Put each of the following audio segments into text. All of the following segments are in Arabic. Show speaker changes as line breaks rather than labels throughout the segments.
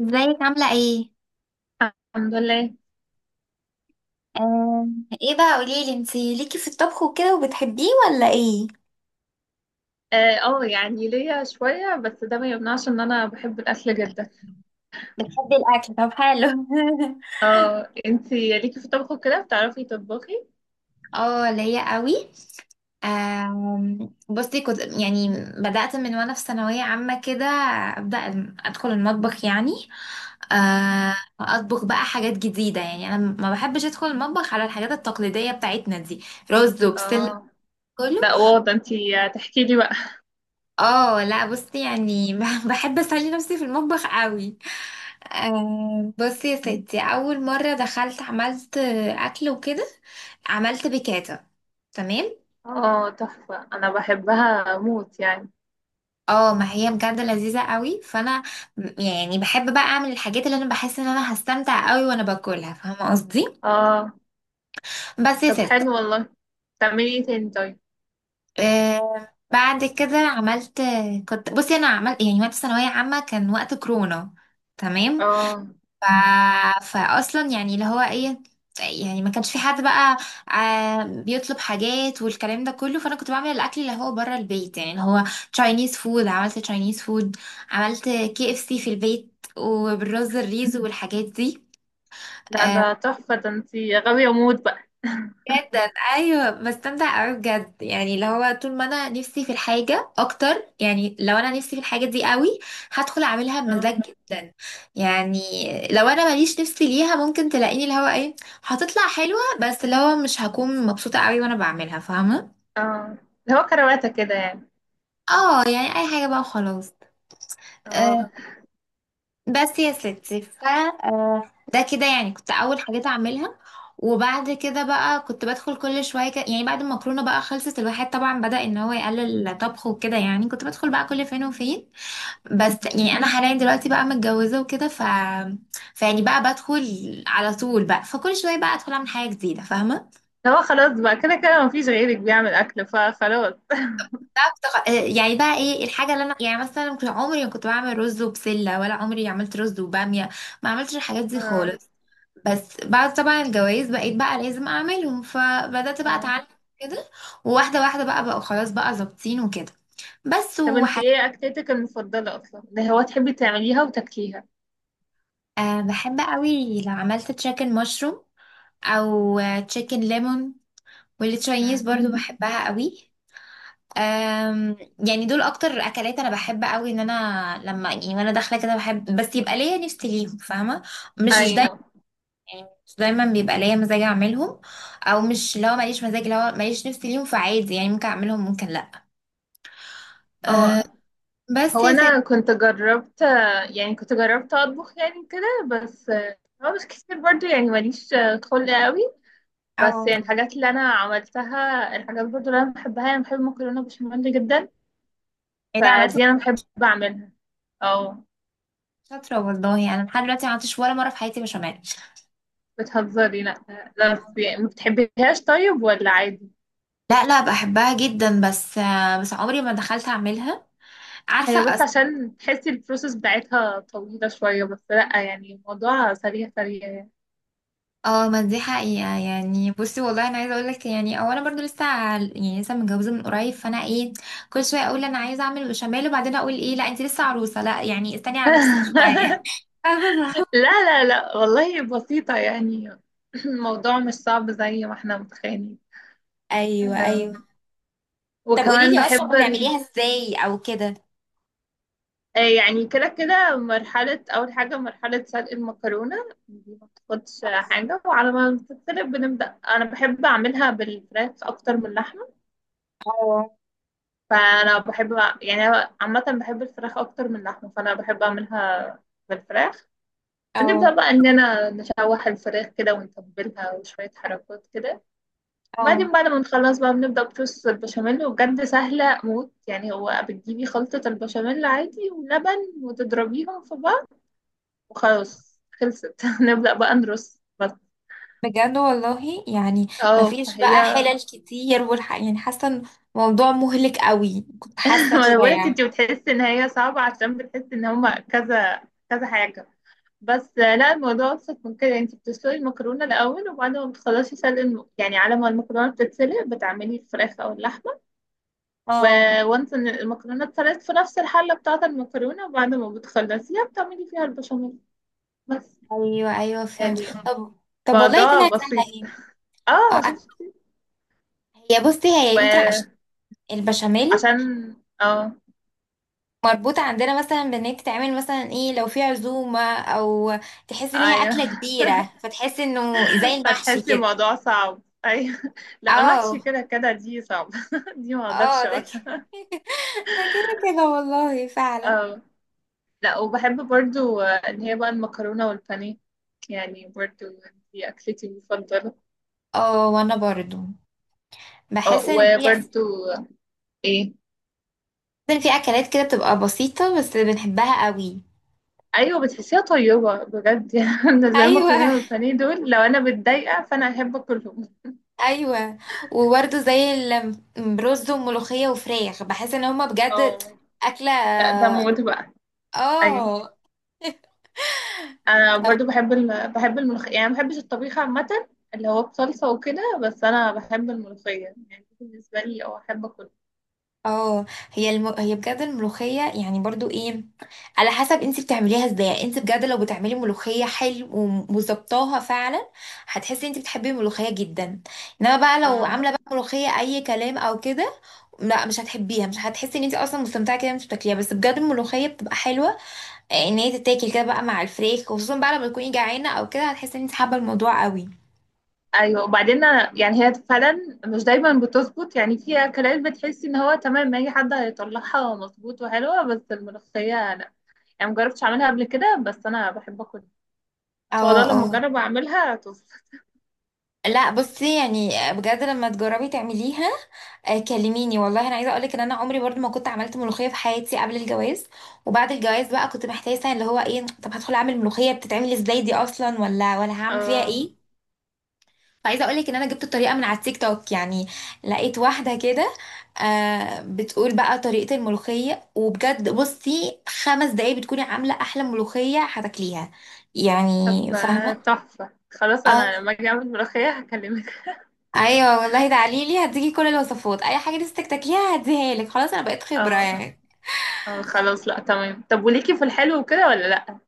ازيك عاملة ايه؟
الحمد لله.
آه. ايه بقى قوليلي، انتي ليكي في الطبخ وكده وبتحبيه ولا ايه؟
اه، يعني ليا شوية، بس ده ما يمنعش ان انا بحب الاكل جدا.
بتحبي الاكل؟ طب حلو.
اه، انتي ليكي في الطبخ كده، بتعرفي تطبخي؟
اه، ليا قوي. آم، بصي كنت يعني بدأت من وانا في ثانوية عامة كده. أبدأ أدخل المطبخ، يعني أطبخ بقى حاجات جديدة. يعني أنا ما بحبش أدخل المطبخ على الحاجات التقليدية بتاعتنا دي، رز وبسلة،
اه،
كله.
لا واضح، انتي تحكي لي بقى.
اه لا، بصي يعني بحب اسلي نفسي في المطبخ قوي. بصي يا ستي، اول مره دخلت عملت اكل وكده، عملت بيكاتا، تمام؟
اه، تحفة، انا بحبها موت يعني.
اه ما هي بجد لذيذه قوي، فانا يعني بحب بقى اعمل الحاجات اللي انا بحس ان انا هستمتع قوي وانا باكلها، فاهمه قصدي؟
اه،
بس يا
طب
ستي،
حلو والله. تعملي ايه تاني؟ طيب.
بعد كده عملت، كنت بصي انا عملت، يعني وقت ثانويه عامه كان وقت كورونا، تمام؟
اه،
ف... فاصلا يعني اللي هو ايه، يعني ما كانش في حد بقى بيطلب حاجات والكلام ده كله، فانا كنت بعمل الاكل اللي هو بره البيت، يعني اللي هو تشاينيز فود. عملت تشاينيز فود، عملت KFC في البيت، وبالرز الريز والحاجات دي.
لا
آه،
ده تحفة، ده انتي غاوية موت بقى.
جدا، ايوه، بستمتع قوي بجد. يعني اللي هو طول ما انا نفسي في الحاجه اكتر، يعني لو انا نفسي في الحاجه دي قوي، هدخل اعملها بمزاج
اه،
جدا. يعني لو انا ماليش نفسي ليها، ممكن تلاقيني اللي هو ايه، هتطلع حلوه، بس اللي هو مش هكون مبسوطه قوي وانا بعملها، فاهمه؟
اه، اللي هو كرواتة كده يعني.
اه يعني اي حاجه بقى وخلاص.
اه،
آه، بس يا ستي، ف آه، ده كده يعني كنت اول حاجات اعملها. وبعد كده بقى كنت بدخل كل شويه كده، يعني بعد المكرونه بقى خلصت، الواحد طبعا بدأ ان هو يقلل طبخه وكده، يعني كنت بدخل بقى كل فين وفين. بس يعني انا حاليا دلوقتي بقى متجوزه وكده، فيعني بقى بدخل على طول بقى. فكل شويه بقى ادخل اعمل حاجه جديده، فاهمه؟
اللي هو خلاص بقى، كده كده مفيش غيرك بيعمل اكل فخلاص.
بقى بتغ... آه، يعني بقى ايه الحاجه اللي انا يعني مثلا كنت عمري ما كنت بعمل رز وبسله، ولا عمري عملت رز وباميه، ما عملتش الحاجات دي
اه،
خالص. بس بعد طبعا الجواز بقيت بقى لازم اعملهم، فبدأت بقى
اه،
اتعلم كده. وواحدة واحدة بقى خلاص بقى ظابطين وكده. بس
طب انت ايه اكلتك المفضلة اصلا، ده هو تحبي تعمليها وتاكليها؟
أه، بحب قوي لو عملت تشيكن مشروم او تشيكن ليمون. والتشاينيز
مم.
برضو بحبها قوي. أم يعني دول اكتر اكلات انا بحب قوي، ان انا لما يعني وانا داخله كده بحب بس يبقى ليا نفسي ليهم، فاهمه؟ مش
ايوه،
مش دايما بيبقى ليا مزاج اعملهم. او مش، لو ماليش مزاج، لو ماليش نفسي ليهم، فعادي يعني، ممكن اعملهم ممكن لا. أه،
اه.
بس
هو
يا سيدي.
انا كنت جربت، يعني كنت جربت اطبخ يعني كده، بس هو مش كتير برضو، يعني ماليش خلق قوي.
او
بس يعني الحاجات اللي انا عملتها، الحاجات برضو اللي انا بحبها، انا بحب المكرونة بشاميل جدا.
ايه ده عملت؟
فدي انا بحب اعملها. اه،
شاطره والله. انا لحد دلوقتي ما عملتش ولا مره في حياتي بشاميل.
بتهزري؟ لا. لا بس يعني، ما بتحبيهاش طيب ولا عادي؟
لا لا، بحبها جدا، بس بس عمري ما دخلت اعملها، عارفه
هي بس عشان تحسي البروسيس بتاعتها طويلة شوية، بس لأ يعني الموضوع سريع سريع يعني.
اه، ما دي حقيقه. يعني بصي والله، انا عايزه اقول لك يعني، اولا برضو لسه يعني لسه متجوزه من قريب، فانا ايه، كل شويه اقول انا عايزه اعمل بشاميل، وبعدين اقول ايه لا، انت لسه عروسه، لا يعني استني على نفسك شويه.
لا لا لا والله بسيطة يعني. الموضوع مش صعب زي ما احنا متخيلين.
ايوه
آه،
ايوه. طب قولي
وكمان
لي
بحب
اصلا، بتعمليها ازاي او كده؟
يعني كده كده، مرحلة أول حاجة، مرحلة سلق المكرونة. دي ما بتاخدش حاجة، وعلى ما بتتسلق بنبدأ. أنا بحب أعملها بالفراخ أكتر من اللحمة.
اه
فانا بحب يعني أنا عامه بحب الفراخ اكتر من اللحمه، فانا بحب اعملها بالفراخ. نبدا
اه
بقى اننا نشوح الفراخ كده ونتبلها وشويه حركات كده،
اه،
وبعدين بعد ما نخلص بقى بنبدا بصوص البشاميل. وبجد سهله موت يعني، هو بتجيبي خلطه البشاميل عادي ولبن وتضربيهم في بعض وخلاص خلصت. نبدا بقى نرص بس.
بجد والله؟ يعني
اه
مفيش بقى
فهي.
حلل كتير يعني حاسه إن الموضوع مهلك قوي، كنت حاسه
ما انا
كده
بقولك،
يعني.
انت بتحسي ان هي صعبه عشان بتحسي ان هما كذا كذا حاجه. بس لا، الموضوع ابسط من كده. يعني انت بتسلقي المكرونه الاول، وبعد ما بتخلصي سلق يعني على ما المكرونه بتتسلق بتعملي الفراخ او اللحمه. و...
اه،
وانت إن المكرونه اتسلقت في نفس الحله بتاعه المكرونه، وبعد ما بتخلصيها بتعملي فيها البشاميل بس.
ايوه ايوه، فهمت.
يعني
طب طب والله
الموضوع
طلعت سهله
بسيط.
اهي. اه
اه،
آه.
شفتي؟
هي بصي، هي يمكن عشان
وعشان
البشاميل
اه
مربوطه عندنا مثلا بان هي بتتعمل مثلا ايه لو في عزومه، او تحس ان هي
ايوه.
اكله كبيره، فتحس انه زي المحشي
فتحسي
كده.
الموضوع صعب، ايوه. لا، محشي
اه،
كده كده، دي صعبه. دي ما
اه
اقدرش
ده كده.
اقولها.
ده كده كده والله، فعلا.
اه، لا وبحب برضو اللي هي بقى المكرونة والبانيه، يعني برضو دي أكلتي المفضلة.
اه، وانا برضو
اه،
بحس ان في بحس
وبرضو إيه،
ان في اكلات كده بتبقى بسيطة بس بنحبها قوي.
أيوة بتحسيها طيبة بجد. يعني بالنسبة لي
ايوه
المكرونة والبانيه دول، لو أنا متضايقة فأنا أحب أكلهم.
ايوه، وبرضو زي الرز وملوخية وفراخ، بحس ان هما بجد
اه،
اكلة.
لا ده موت بقى. أيوة.
اه
أنا برضو بحب بحب الملوخية. يعني ما بحبش الطبيخ عامة، اللي هو بصلصة وكده، بس أنا بحب الملوخية. يعني بالنسبة لي، أه أحب
اه، هي هي بجد، الملوخية يعني برضو ايه، على حسب انت بتعمليها ازاي. يعني انت بجد لو بتعملي ملوخية حلو، وظبطاها فعلا، هتحسي انت بتحبي الملوخية جدا. انما بقى لو
أكل.
عاملة بقى ملوخية اي كلام او كده، لا مش هتحبيها، مش هتحسي ان انت اصلا مستمتعة كده وانت بتاكليها. بس بجد الملوخية بتبقى حلوة، ان هي تتاكل كده بقى مع الفريخ، خصوصا بقى لما تكوني جعانة او كده، هتحسي ان انت حابة الموضوع قوي.
ايوه، وبعدين يعني هي فعلا مش دايما بتظبط. يعني في اكلات بتحسي ان هو تمام، اي حد هيطلعها مظبوط وحلوه، بس الملوخيه لا. يعني مجربتش اعملها قبل كده، بس انا بحب اكل ان شاء
اه،
الله لما
اه،
اجرب اعملها تظبط.
لا بصي يعني بجد، لما تجربي تعمليها كلميني والله، انا عايزه اقولك ان انا عمري برضو ما كنت عملت ملوخيه في حياتي قبل الجواز. وبعد الجواز بقى كنت محتاسه اللي هو ايه، طب هدخل اعمل ملوخيه، بتتعمل ازاي دي اصلا، ولا هعمل فيها
اه،
ايه. فعايزه اقولك ان انا جبت الطريقه من على التيك توك. يعني لقيت واحده كده، بتقول بقى طريقه الملوخيه، وبجد بصي 5 دقايق بتكوني عامله احلى ملوخيه هتاكليها، يعني
طب
فاهمه؟
تحفه، خلاص
اه
انا لما اجي اعمل ملوخيه هكلمك.
ايوه والله، ده عليلي، هديكي كل الوصفات. اي حاجه نفسك تاكليها هديها لك، خلاص انا بقيت خبره
اه،
يعني.
اه، خلاص. لا تمام. طب وليكي في الحلو وكده ولا لا؟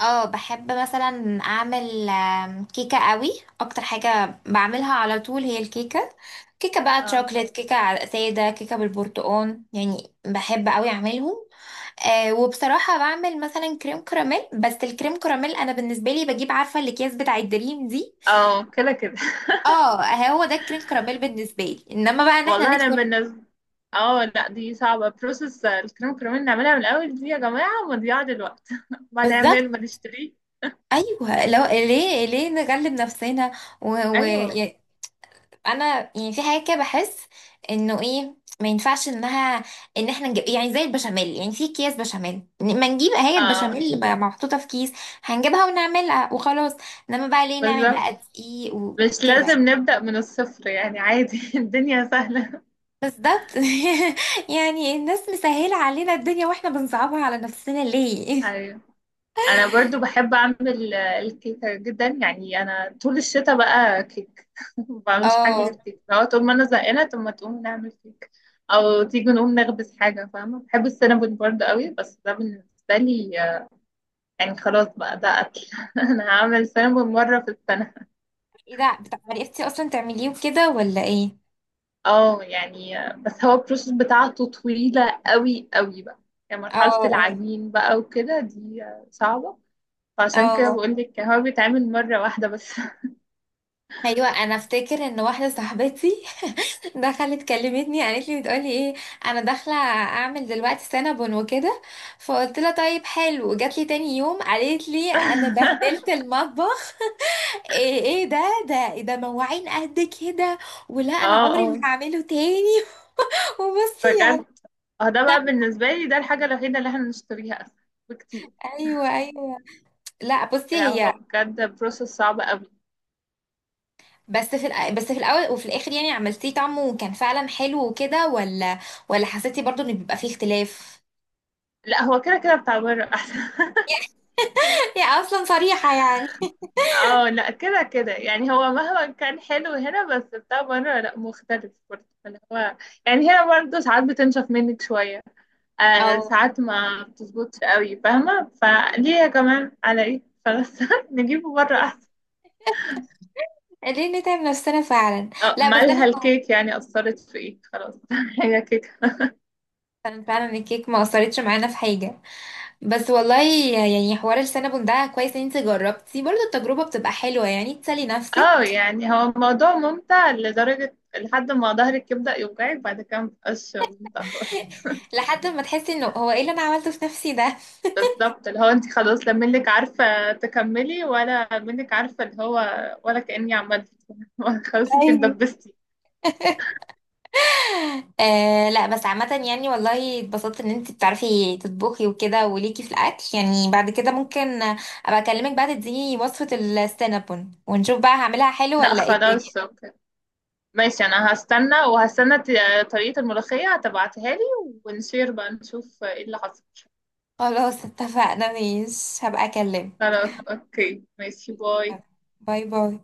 اه، بحب مثلا اعمل كيكه قوي. اكتر حاجه بعملها على طول هي الكيكه. كيكه بقى
اه،
تشوكليت، كيكه ساده، كيكه بالبرتقال، يعني بحب قوي اعملهم. أه، وبصراحه بعمل مثلا كريم كراميل. بس الكريم كراميل انا بالنسبه لي بجيب، عارفه الاكياس بتاع الدريم دي،
اه، كده كده
اه، هو ده الكريم كراميل بالنسبه لي. انما بقى ان احنا
والله. انا
ندخل
بالنسبه، اه، لا دي صعبه. بروسس الكريم كريمين نعملها من الاول، دي يا جماعه مضيعه للوقت. ما
بالظبط،
نعمل، ما نشتريه.
ايوه لو ليه نغلب نفسنا.
ايوه،
ويعني انا يعني في حاجه كده بحس انه ايه، ما ينفعش انها، ان احنا نجيب يعني زي البشاميل، يعني في اكياس بشاميل، ما نجيب هي
اه،
البشاميل اللي بقى محطوطه في كيس، هنجيبها ونعملها وخلاص. انما بقى ليه نعمل
بالظبط.
بقى دقيق
مش
وكده.
لازم نبدا من الصفر يعني، عادي. الدنيا سهله.
بالظبط. يعني الناس مسهله علينا الدنيا واحنا بنصعبها على نفسنا ليه.
ايوه. انا برضو بحب اعمل الكيكه جدا. يعني انا طول الشتاء بقى كيك. ما بعملش حاجه
اه
غير كيك. لو طول ما انا زهقانه، طب ما تقوم نعمل كيك، او تيجي نقوم نخبز حاجه فاهمه. بحب السينابون برضو قوي، بس ده بالنسبه لي يعني خلاص بقى، ده قتل. انا هعمل سامبل مرة في السنة.
ايه ده عرفتي اصلا تعمليه وكده ولا ايه؟
اه، يعني بس هو البروسيس بتاعته طويلة قوي قوي بقى. يعني
اه
مرحلة
اه
العجين بقى وكده، دي صعبة. فعشان كده
اه،
بقول لك، هو بيتعمل مرة واحدة بس.
ايوه. انا افتكر ان واحده صاحبتي دخلت كلمتني، قالت لي بتقولي ايه، انا داخله اعمل دلوقتي سينابون وكده. فقلت لها طيب حلو، جات لي تاني يوم قالت لي انا بهدلت المطبخ، ايه ايه ده، ده مواعين قد كده، ولا انا
اه، اه،
عمري ما هعمله تاني. وبصي يعني،
بجد. اه، ده بقى بالنسبة لي، ده الحاجة الوحيدة اللي احنا بنشتريها أسهل بكتير.
ايوه ايوه، لا بصي،
لا
هي
هو بجد بروسيس صعب قوي.
بس في الاول وفي الاخر، يعني عملتيه طعمه وكان فعلا حلو وكده، ولا حسيتي برضو ان بيبقى فيه اختلاف؟
لا هو كده كده، بتاع بره أحسن.
هي اصلا صريحه يعني.
اه، لا كده كده يعني. هو مهما كان حلو هنا، بس بتاع بره لا مختلف برضه اللي هو. يعني هنا برضه ساعات بتنشف منك شوية،
اه،
ساعات ما بتظبطش قوي فاهمة. فليه يا جماعة، على ايه؟ خلاص. نجيبه بره احسن.
ليه نتعب نفسنا فعلا.
اه،
لا بس انا،
مالها الكيك يعني؟ أثرت في ايه؟ خلاص. هي كيك.
فعلا فعلا الكيك ما اثرتش معانا في حاجه. بس والله يعني حوار السينابون ده كويس ان انت جربتي، برضو التجربه بتبقى حلوه يعني، تسلي نفسك
اه يعني هو الموضوع ممتع لدرجة لحد ما ظهرك يبدأ يوجعك، بعد كده مبقاش ممتع خالص.
لحد ما تحسي انه هو ايه اللي انا عملته في نفسي ده.
بالظبط، اللي هو انت خلاص، لا منك عارفة تكملي، ولا منك عارفة اللي هو، ولا كأني عملت. خلاص انت
ايوه.
اتدبستي.
لا، بس عامه يعني والله اتبسطت ان انت بتعرفي تطبخي وكده وليكي في الاكل. يعني بعد كده ممكن ابقى اكلمك بقى، تديني وصفه السينابون، ونشوف بقى هعملها حلو
لا
ولا ايه
خلاص
الدنيا.
اوكي، ماشي. انا هستنى وهستنى طريقة الملوخية هتبعتها لي. ونشير بقى نشوف ايه اللي حصل.
خلاص اتفقنا، ماشي، هبقى اكلمك.
خلاص اوكي، ماشي، باي.
باي باي.